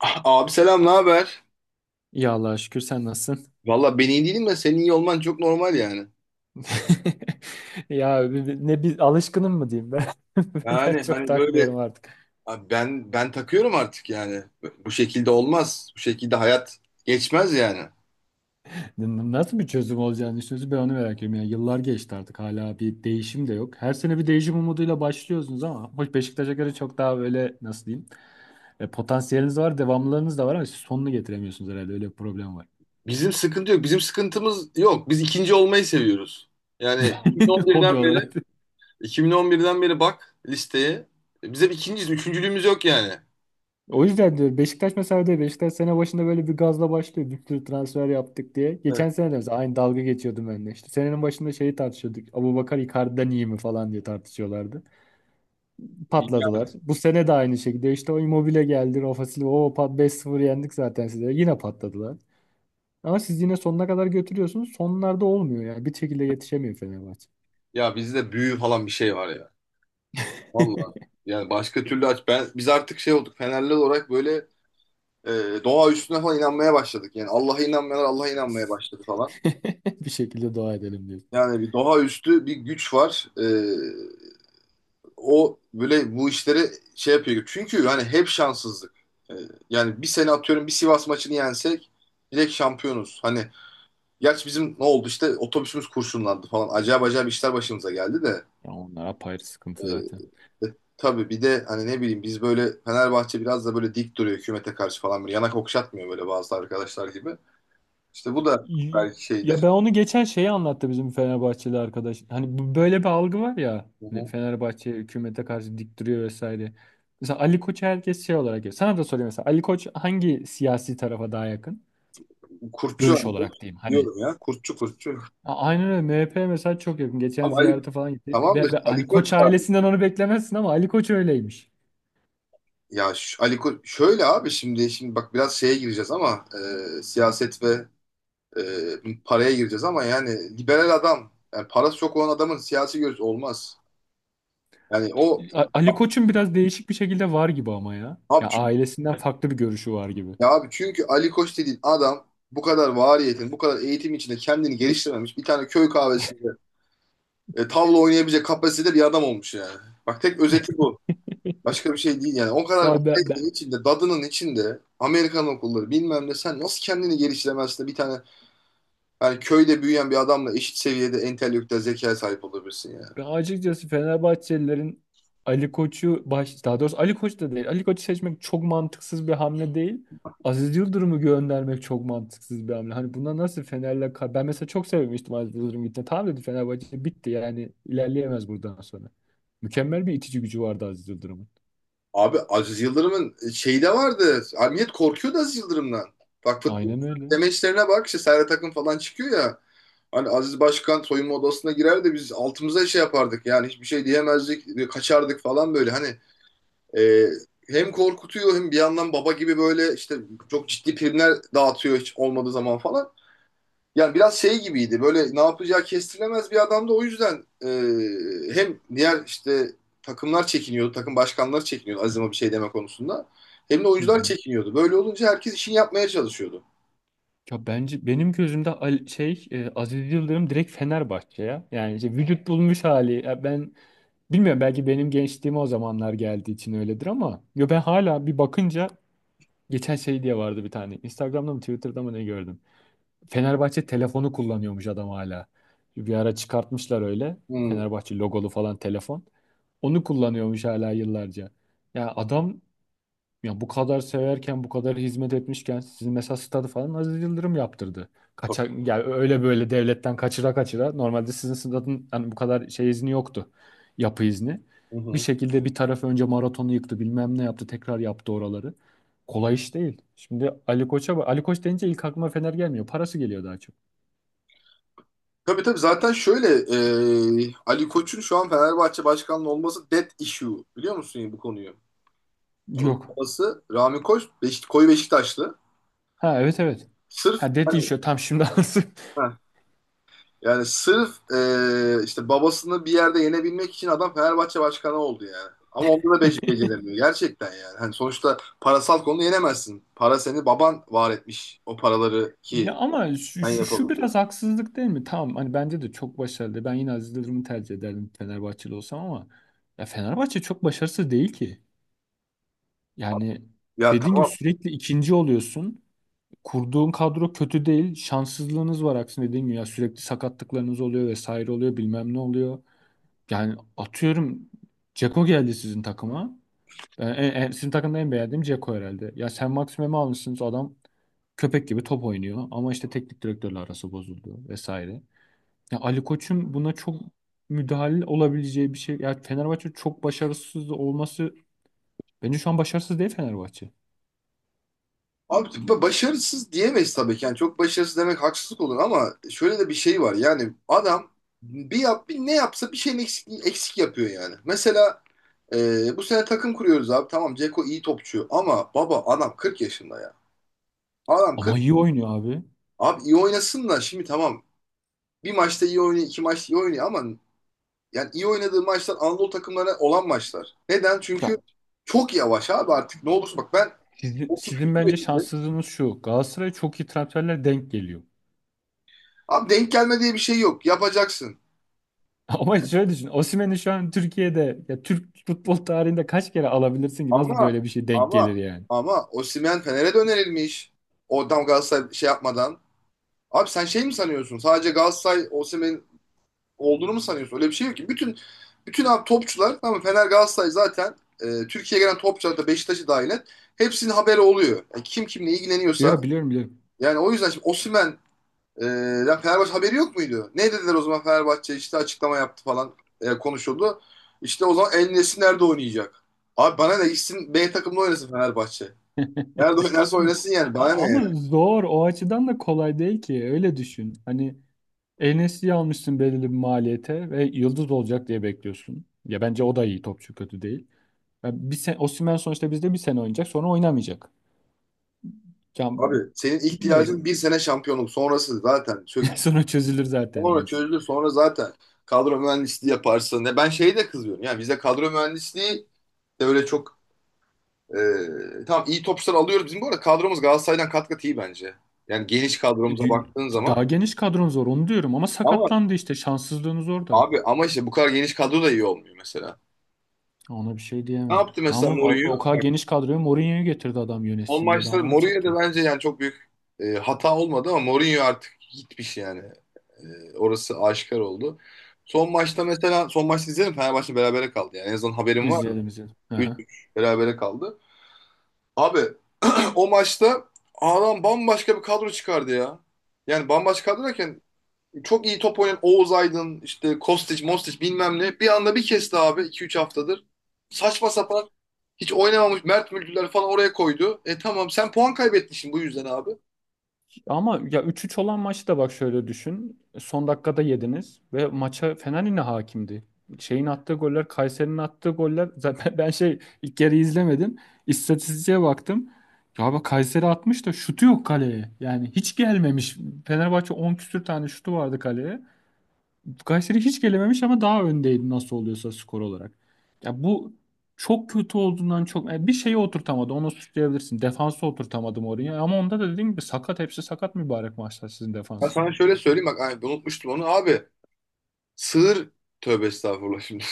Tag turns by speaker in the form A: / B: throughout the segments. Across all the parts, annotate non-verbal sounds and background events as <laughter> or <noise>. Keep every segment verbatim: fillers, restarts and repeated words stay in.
A: Ah, abi selam, ne haber?
B: Ya Allah'a şükür, sen nasılsın?
A: Valla ben iyi değilim de senin iyi olman çok normal yani.
B: <laughs> Ya bi- bi- ne bir alışkınım mı diyeyim ben? <laughs> Ben
A: Yani
B: çok
A: hani böyle
B: takmıyorum artık.
A: abi ben ben takıyorum artık yani. Bu şekilde olmaz. Bu şekilde hayat geçmez yani.
B: N- Nasıl bir çözüm olacağını düşünüyorsun, ben onu merak ediyorum. Yani yıllar geçti artık, hala bir değişim de yok. Her sene bir değişim umuduyla başlıyorsunuz, ama hoş, Beşiktaş'a göre çok daha böyle, nasıl diyeyim? E, potansiyeliniz var, devamlılığınız da var, ama siz sonunu getiremiyorsunuz, herhalde öyle bir problem var.
A: Bizim sıkıntı yok. Bizim sıkıntımız yok. Biz ikinci olmayı seviyoruz. Yani 2011'den
B: <laughs> Hobi
A: beri
B: olarak.
A: 2011'den beri bak listeye. Biz hep ikinciyiz. Üçüncülüğümüz yok yani.
B: O yüzden diyorum Beşiktaş mesela, diyor, Beşiktaş sene başında böyle bir gazla başlıyor. Bir sürü transfer yaptık diye.
A: Evet.
B: Geçen sene de mesela aynı dalga geçiyordum ben de. İşte senenin başında şeyi tartışıyorduk. Abubakar Icardi'den iyi mi falan diye tartışıyorlardı. Patladılar.
A: Yani
B: Bu sene de aynı şekilde. İşte o Immobile geldi. Rafa Silva. O pat, beş sıfır yendik zaten size. Yine patladılar. Ama siz yine sonuna kadar götürüyorsunuz. Sonlarda olmuyor yani. Bir şekilde yetişemiyor Fenerbahçe.
A: ya bizde büyü falan bir şey var ya. Vallahi
B: <laughs>
A: yani başka türlü aç ben biz artık şey olduk. Fenerli olarak böyle e, doğa üstüne falan inanmaya başladık. Yani Allah'a inanmayanlar Allah'a inanmaya başladı falan.
B: Bir şekilde dua edelim diyor.
A: Yani bir doğa üstü bir güç var. E, o böyle bu işleri şey yapıyor. Çünkü hani hep şanssızlık. E, yani bir sene atıyorum bir Sivas maçını yensek direkt şampiyonuz. Hani gerçi bizim ne oldu işte otobüsümüz kurşunlandı falan. Acayip acayip işler başımıza geldi de.
B: Ya onlar apayrı
A: E,
B: sıkıntı zaten.
A: e, tabii bir de hani ne bileyim biz böyle Fenerbahçe biraz da böyle dik duruyor hükümete karşı falan. Böyle yanak okşatmıyor böyle bazı arkadaşlar gibi. İşte bu da
B: Y-
A: belki şeydir.
B: Ya ben onu geçen, şeyi anlattı bizim Fenerbahçeli arkadaş. Hani bu- böyle bir algı var ya.
A: Hı
B: Hani
A: hı.
B: Fenerbahçe hükümete karşı dik duruyor vesaire. Mesela Ali Koç'u herkes şey olarak görüyor. Sana da sorayım mesela, Ali Koç hangi siyasi tarafa daha yakın?
A: Kurtçu
B: Görüş
A: Ali Koç
B: olarak diyeyim hani.
A: diyorum ya. Kurtçu kurtçu.
B: A- Aynen öyle, M H P mesela çok yakın. Geçen
A: Ama Ali,
B: ziyarete falan gitti.
A: tamam da
B: Be, be-
A: Ali
B: hani
A: Koç
B: Koç ailesinden
A: sadece.
B: onu beklemezsin, ama Ali Koç öyleymiş.
A: Ya ş- Ali Koç şöyle abi şimdi şimdi bak biraz şeye gireceğiz ama e, siyaset ve e, paraya gireceğiz ama yani liberal adam yani parası çok olan adamın siyasi görüşü olmaz. Yani o
B: A- Ali Koç'un biraz değişik bir şekilde var gibi ama ya.
A: abi
B: Ya
A: çünkü,
B: ailesinden farklı bir görüşü var gibi.
A: ya abi çünkü Ali Koç dediğin adam bu kadar variyetin, bu kadar eğitim içinde kendini geliştirmemiş. Bir tane köy kahvesinde e, tavla oynayabilecek kapasitede bir adam olmuş yani. Bak tek özeti bu. Başka bir şey değil yani. O kadar
B: Vay be.
A: variyetin içinde, dadının içinde Amerikan okulları bilmem ne sen nasıl kendini geliştiremezsin de bir tane yani köyde büyüyen bir adamla eşit seviyede entelektüel zekaya sahip olabilirsin ya.
B: Ben açıkçası Fenerbahçelilerin Ali Koç'u baş, daha doğrusu Ali Koç da değil. Ali Koç'u seçmek çok mantıksız bir hamle değil. Aziz Yıldırım'ı göndermek çok mantıksız bir hamle. Hani buna nasıl Fener'le ka- ben mesela çok sevmiştim Aziz Yıldırım gittiğinde. Tamam dedi, Fenerbahçe bitti yani, ilerleyemez buradan sonra. Mükemmel bir itici gücü vardı Aziz Yıldırım'ın.
A: Abi Aziz Yıldırım'ın şeyi de vardı. Abi millet korkuyordu Aziz Yıldırım'dan. Bak futbol
B: Aynen öyle.
A: demeçlerine bak işte Serhat Akın falan çıkıyor ya. Hani Aziz Başkan soyunma odasına girer de biz altımıza şey yapardık yani hiçbir şey diyemezdik, kaçardık falan böyle. Hani E, hem korkutuyor hem bir yandan baba gibi böyle işte çok ciddi primler dağıtıyor hiç olmadığı zaman falan. Yani biraz şey gibiydi böyle ne yapacağı kestirilemez bir adamdı o yüzden e, hem diğer işte takımlar çekiniyordu, takım başkanları çekiniyordu Azim'e bir şey deme konusunda. Hem de
B: Hı
A: oyuncular
B: hı.
A: çekiniyordu. Böyle olunca herkes işini yapmaya çalışıyordu.
B: Ya bence benim gözümde Al- şey e, Aziz Yıldırım direkt Fenerbahçe ya. Yani işte vücut bulmuş hali. Ya ben, bilmiyorum, belki benim gençliğime o zamanlar geldiği için öyledir, ama yo, ben hala bir bakınca, geçen şey diye vardı bir tane. Instagram'da mı Twitter'da mı ne gördüm. Fenerbahçe telefonu kullanıyormuş adam hala. Bir ara çıkartmışlar öyle.
A: Hmm.
B: Fenerbahçe logolu falan telefon. Onu kullanıyormuş hala yıllarca. Ya adam, ya bu kadar severken, bu kadar hizmet etmişken, sizin mesela stadı falan Aziz Yıldırım yaptırdı.
A: Tabii.
B: Kaçak, yani öyle böyle devletten kaçıra kaçıra. Normalde sizin stadın hani bu kadar şey izni yoktu. Yapı izni.
A: Hı
B: Bir
A: hı.
B: şekilde bir taraf önce maratonu yıktı, bilmem ne yaptı, tekrar yaptı oraları. Kolay iş değil. Şimdi Ali Koç'a bak- Ali Koç deyince ilk aklıma Fener gelmiyor. Parası geliyor daha çok.
A: Tabii tabii zaten şöyle e, Ali Koç'un şu an Fenerbahçe başkanlığı olması dead issue, biliyor musun bu konuyu? Onun
B: Yok.
A: babası Rami Koç, Beşik, koyu Beşiktaşlı.
B: Ha, evet evet.
A: Sırf
B: Ha, dedi
A: hani,
B: işte tam şimdi <laughs> anladım.
A: heh, yani sırf eee, işte babasını bir yerde yenebilmek için adam Fenerbahçe başkanı oldu yani. Ama onda da beş beceremiyor gerçekten yani. Hani sonuçta parasal konuda yenemezsin. Para seni baban var etmiş, o paraları ki
B: Ya ama şu,
A: sen
B: şu, şu biraz
A: yapabiliyorsun.
B: haksızlık değil mi? Tamam, hani bence de çok başarılı. Ben yine Aziz Yıldırım'ı tercih ederdim Fenerbahçeli olsam, ama ya Fenerbahçe çok başarısız değil ki. Yani
A: Ya
B: dediğin gibi
A: tamam,
B: sürekli ikinci oluyorsun. Kurduğun kadro kötü değil. Şanssızlığınız var aksine, dediğin gibi. Ya sürekli sakatlıklarınız oluyor vesaire oluyor bilmem ne oluyor. Yani atıyorum, Ceko geldi sizin takıma. Ben en, en- sizin takımda en beğendiğim Dzeko herhalde. Ya sen Maximum'u almışsınız, adam köpek gibi top oynuyor, ama işte teknik direktörle arası bozuldu vesaire. Ya Ali Koç'un buna çok müdahil olabileceği bir şey. Ya Fenerbahçe çok başarısız olması, bence şu an başarısız değil Fenerbahçe.
A: abi ba- başarısız diyemeyiz tabii ki. Yani çok başarısız demek haksızlık olur ama şöyle de bir şey var. Yani adam bir yap bir ne yapsa bir şeyin eksik, eksik yapıyor yani. Mesela e, bu sene takım kuruyoruz abi. Tamam, Ceko iyi topçu ama baba adam kırk yaşında ya. Adam kırk.
B: Ama iyi oynuyor abi.
A: Abi iyi oynasın da şimdi tamam. Bir maçta iyi oynuyor, iki maçta iyi oynuyor ama yani iyi oynadığı maçlar Anadolu takımlarına olan maçlar. Neden?
B: Ya
A: Çünkü çok yavaş abi artık. Ne olursa bak ben
B: sizin,
A: otuz
B: sizin bence
A: yaşındayım.
B: şanssızlığınız şu. Galatasaray'a çok iyi transferler denk geliyor.
A: Abi denk gelme diye bir şey yok. Yapacaksın.
B: <laughs> Ama şöyle düşün. Osimhen'i şu an Türkiye'de, ya Türk futbol tarihinde kaç kere alabilirsin ki, nasıl
A: Ama
B: böyle bir şey denk gelir
A: ama
B: yani?
A: ama Osimhen Fener'e de önerilmiş. Oradan Galatasaray şey yapmadan. Abi sen şey mi sanıyorsun? Sadece Galatasaray Osimhen olduğunu mu sanıyorsun? Öyle bir şey yok ki. Bütün bütün abi topçular, tamam mı? Fener Galatasaray zaten e, Türkiye'ye gelen topçular, da Beşiktaş'ı dahil et. Hepsinin haberi oluyor. Yani kim kimle ilgileniyorsa.
B: Yok, biliyorum biliyorum.
A: Yani o yüzden şimdi Osimhen, e, lan Fenerbahçe haberi yok muydu? Ne dediler o zaman? Fenerbahçe işte açıklama yaptı falan, e, konuşuldu. İşte o zaman El Nesri nerede oynayacak? Abi bana ne, gitsin B takımda oynasın Fenerbahçe. Nerede oynarsa
B: <laughs>
A: oynasın yani. Bana ne yani?
B: Ama zor, o açıdan da kolay değil ki, öyle düşün. Hani en almışsın belirli bir maliyete ve yıldız olacak diye bekliyorsun. Ya bence o da iyi topçu, kötü değil. Ya bir sen Osimhen sonuçta bizde bir sene oynayacak, sonra oynamayacak. Ya
A: Abi senin ihtiyacın
B: bilmiyorum.
A: bir sene şampiyonluk. Sonrası zaten. Çök.
B: <laughs> Sonra çözülür zaten
A: Sonra
B: diyorsun.
A: çözülür. Sonra zaten kadro mühendisliği yaparsın. Ne ben şeyi de kızıyorum. Yani bize kadro mühendisliği de öyle çok e, tam iyi topçular alıyoruz. Bizim bu arada kadromuz Galatasaray'dan kat kat iyi bence. Yani geniş kadromuza baktığın zaman,
B: Daha geniş kadron zor, onu diyorum, ama
A: ama
B: sakatlandı işte, şanssızlığınız orada.
A: abi ama işte bu kadar geniş kadro da iyi olmuyor mesela.
B: Ona bir şey
A: Ne
B: diyemem.
A: yaptı
B: Ama
A: mesela
B: o o
A: Mourinho?
B: kadar geniş kadroyu, Mourinho'yu getirdi adam
A: Son
B: yönetsin diye, daha
A: maçta
B: ne yapacak ki?
A: Mourinho'da bence yani çok büyük e, hata olmadı ama Mourinho artık gitmiş yani. E, orası aşikar oldu. Son maçta, mesela son maçta izledim, Fenerbahçe berabere kaldı. Yani en azından haberim var mı?
B: İzleyelim izleyelim. <laughs>
A: üç üç berabere kaldı. Abi <clears throat> o maçta adam bambaşka bir kadro çıkardı ya. Yani bambaşka kadro derken çok iyi top oynayan Oğuz Aydın, işte Kostić, Mostić bilmem ne. Bir anda bir kesti abi iki üç haftadır. Saçma sapan hiç oynamamış Mert Mülküler falan oraya koydu. E tamam sen puan kaybettin şimdi bu yüzden abi.
B: Ama ya üç üç olan maçı da bak şöyle düşün. Son dakikada yediniz ve maça Fener yine hakimdi. Şeyin attığı goller, Kayseri'nin attığı goller. Zaten <laughs> ben şey, ilk yarı izlemedim. İstatistiğe baktım. Ya bak, Kayseri atmış da şutu yok kaleye. Yani hiç gelmemiş. Fenerbahçe on küsür tane şutu vardı kaleye. Kayseri hiç gelememiş, ama daha öndeydi nasıl oluyorsa skor olarak. Ya bu çok kötü olduğundan çok, yani bir şeyi oturtamadı. Onu suçlayabilirsin. Defansı oturtamadım oraya. Ama onda da dediğim gibi sakat, hepsi sakat mübarek, maçlar sizin
A: Ben
B: defansın.
A: sana şöyle söyleyeyim bak, ay, unutmuştum onu abi. Sığır, tövbe estağfurullah şimdi.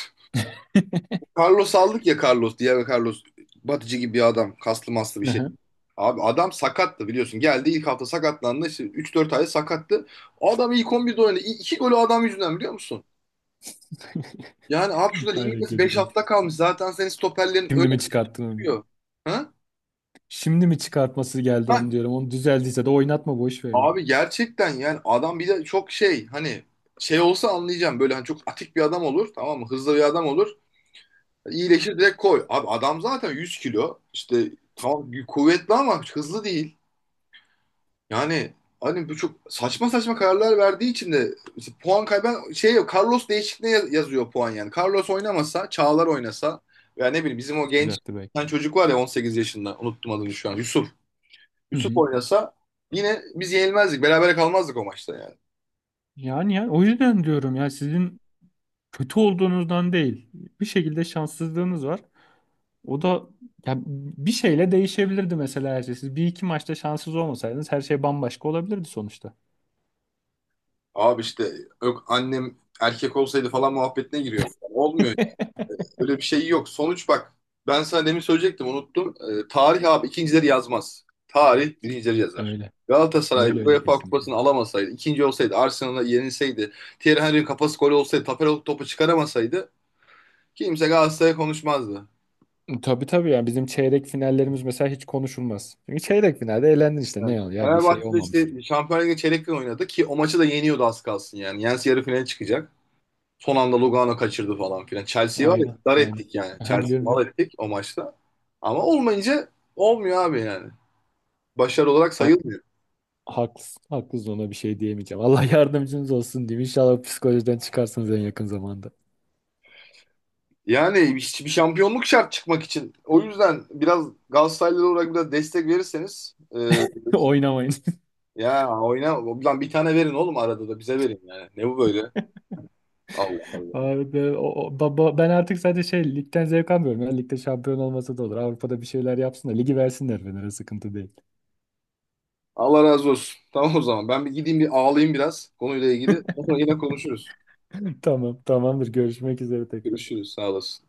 A: <laughs> Carlos aldık ya, Carlos, diğer Carlos, batıcı gibi bir adam, kaslı maslı bir şey. Abi adam sakattı biliyorsun. Geldi ilk hafta sakatlandı. İşte üç dört ay sakattı. O adam ilk on birde oynadı. İ- İki golü adam yüzünden, biliyor musun? Yani abi şurada
B: Aynen,
A: ligin
B: kötü
A: beş
B: değil.
A: hafta kalmış. Zaten senin stoperlerin
B: Şimdi
A: öyle
B: mi
A: böyle
B: çıkarttın?
A: çıkıyor. Ha?
B: Şimdi mi çıkartması geldi,
A: Ha,
B: onu diyorum. Onu düzeldiyse de oynatma, boş verin.
A: abi gerçekten yani adam bir de çok şey, hani şey olsa anlayacağım, böyle hani çok atik bir adam olur tamam mı, hızlı bir adam olur, iyileşir direkt koy. Abi adam zaten yüz kilo, işte tamam kuvvetli ama hızlı değil. Yani hani bu çok saçma saçma kararlar verdiği için de işte puan kaybeden şey yok, Carlos değişikliğine yaz- yazıyor puan yani. Carlos oynamasa, Çağlar oynasa veya ne bileyim bizim o genç
B: Olacaktı
A: bir tane
B: belki.
A: çocuk var ya, on sekiz yaşında, unuttum adını şu an, Yusuf.
B: Hı
A: Yusuf
B: hı.
A: oynasa yine biz yenilmezdik, berabere kalmazdık o maçta yani.
B: Yani ya o yüzden diyorum ya, sizin kötü olduğunuzdan değil. Bir şekilde şanssızlığınız var. O da ya bir şeyle değişebilirdi mesela her şey. Siz bir iki maçta şanssız olmasaydınız, her şey bambaşka olabilirdi sonuçta.
A: Abi işte yok annem erkek olsaydı falan muhabbetine giriyor. Olmuyor yani.
B: <laughs>
A: Öyle bir şey yok. Sonuç bak. Ben sana demin söyleyecektim, unuttum. Ee, tarih abi ikincileri yazmaz. Tarih birincileri yazar.
B: Öyle.
A: Galatasaray
B: Öyle öyle,
A: UEFA
B: kesinlikle.
A: Kupası'nı alamasaydı, ikinci olsaydı, Arsenal'a yenilseydi, Thierry Henry'in kafası gol olsaydı, Tapera topu çıkaramasaydı, kimse Galatasaray'a konuşmazdı.
B: Tabii tabii, ya bizim çeyrek finallerimiz mesela hiç konuşulmaz. Çünkü çeyrek finalde eğlendin işte,
A: Evet.
B: ne ol ya, bir şey
A: Fenerbahçe'de
B: olmamış.
A: işte Şampiyonlar Ligi çeyrek final oynadı ki o maçı da yeniyordu az kalsın yani. Yense yarı finale çıkacak. Son anda Lugano kaçırdı falan filan. Chelsea'yi var ya
B: Aynen
A: dar
B: aynen.
A: ettik yani.
B: Aha,
A: Chelsea'yi
B: biliyorum
A: mal
B: biliyorum.
A: ettik o maçta. Ama olmayınca olmuyor abi yani. Başarı olarak
B: Ha,
A: sayılmıyor.
B: haklısın haklısın, ona bir şey diyemeyeceğim. <laughs> Allah yardımcınız olsun diyeyim. İnşallah psikolojiden çıkarsınız en yakın zamanda.
A: Yani hiçbir şampiyonluk şart çıkmak için. O yüzden biraz Galatasaraylı olarak biraz destek verirseniz, e,
B: <laughs> Oynamayın.
A: ya oyna lan, bir tane verin oğlum, arada da bize verin yani. Ne bu böyle? Allah Allah.
B: Abi be- o- o- ba- ba- ben artık sadece şey, ligden zevk almıyorum ya. Ligde şampiyon olmasa da olur. Avrupa'da bir şeyler yapsın da ligi versinler Fener'e, sıkıntı değil.
A: Allah razı olsun. Tamam o zaman. Ben bir gideyim bir ağlayayım biraz konuyla ilgili. Sonra yine konuşuruz.
B: <laughs> Tamam, tamamdır. Görüşmek üzere tekrar.
A: Görüşürüz. Sağ olasın.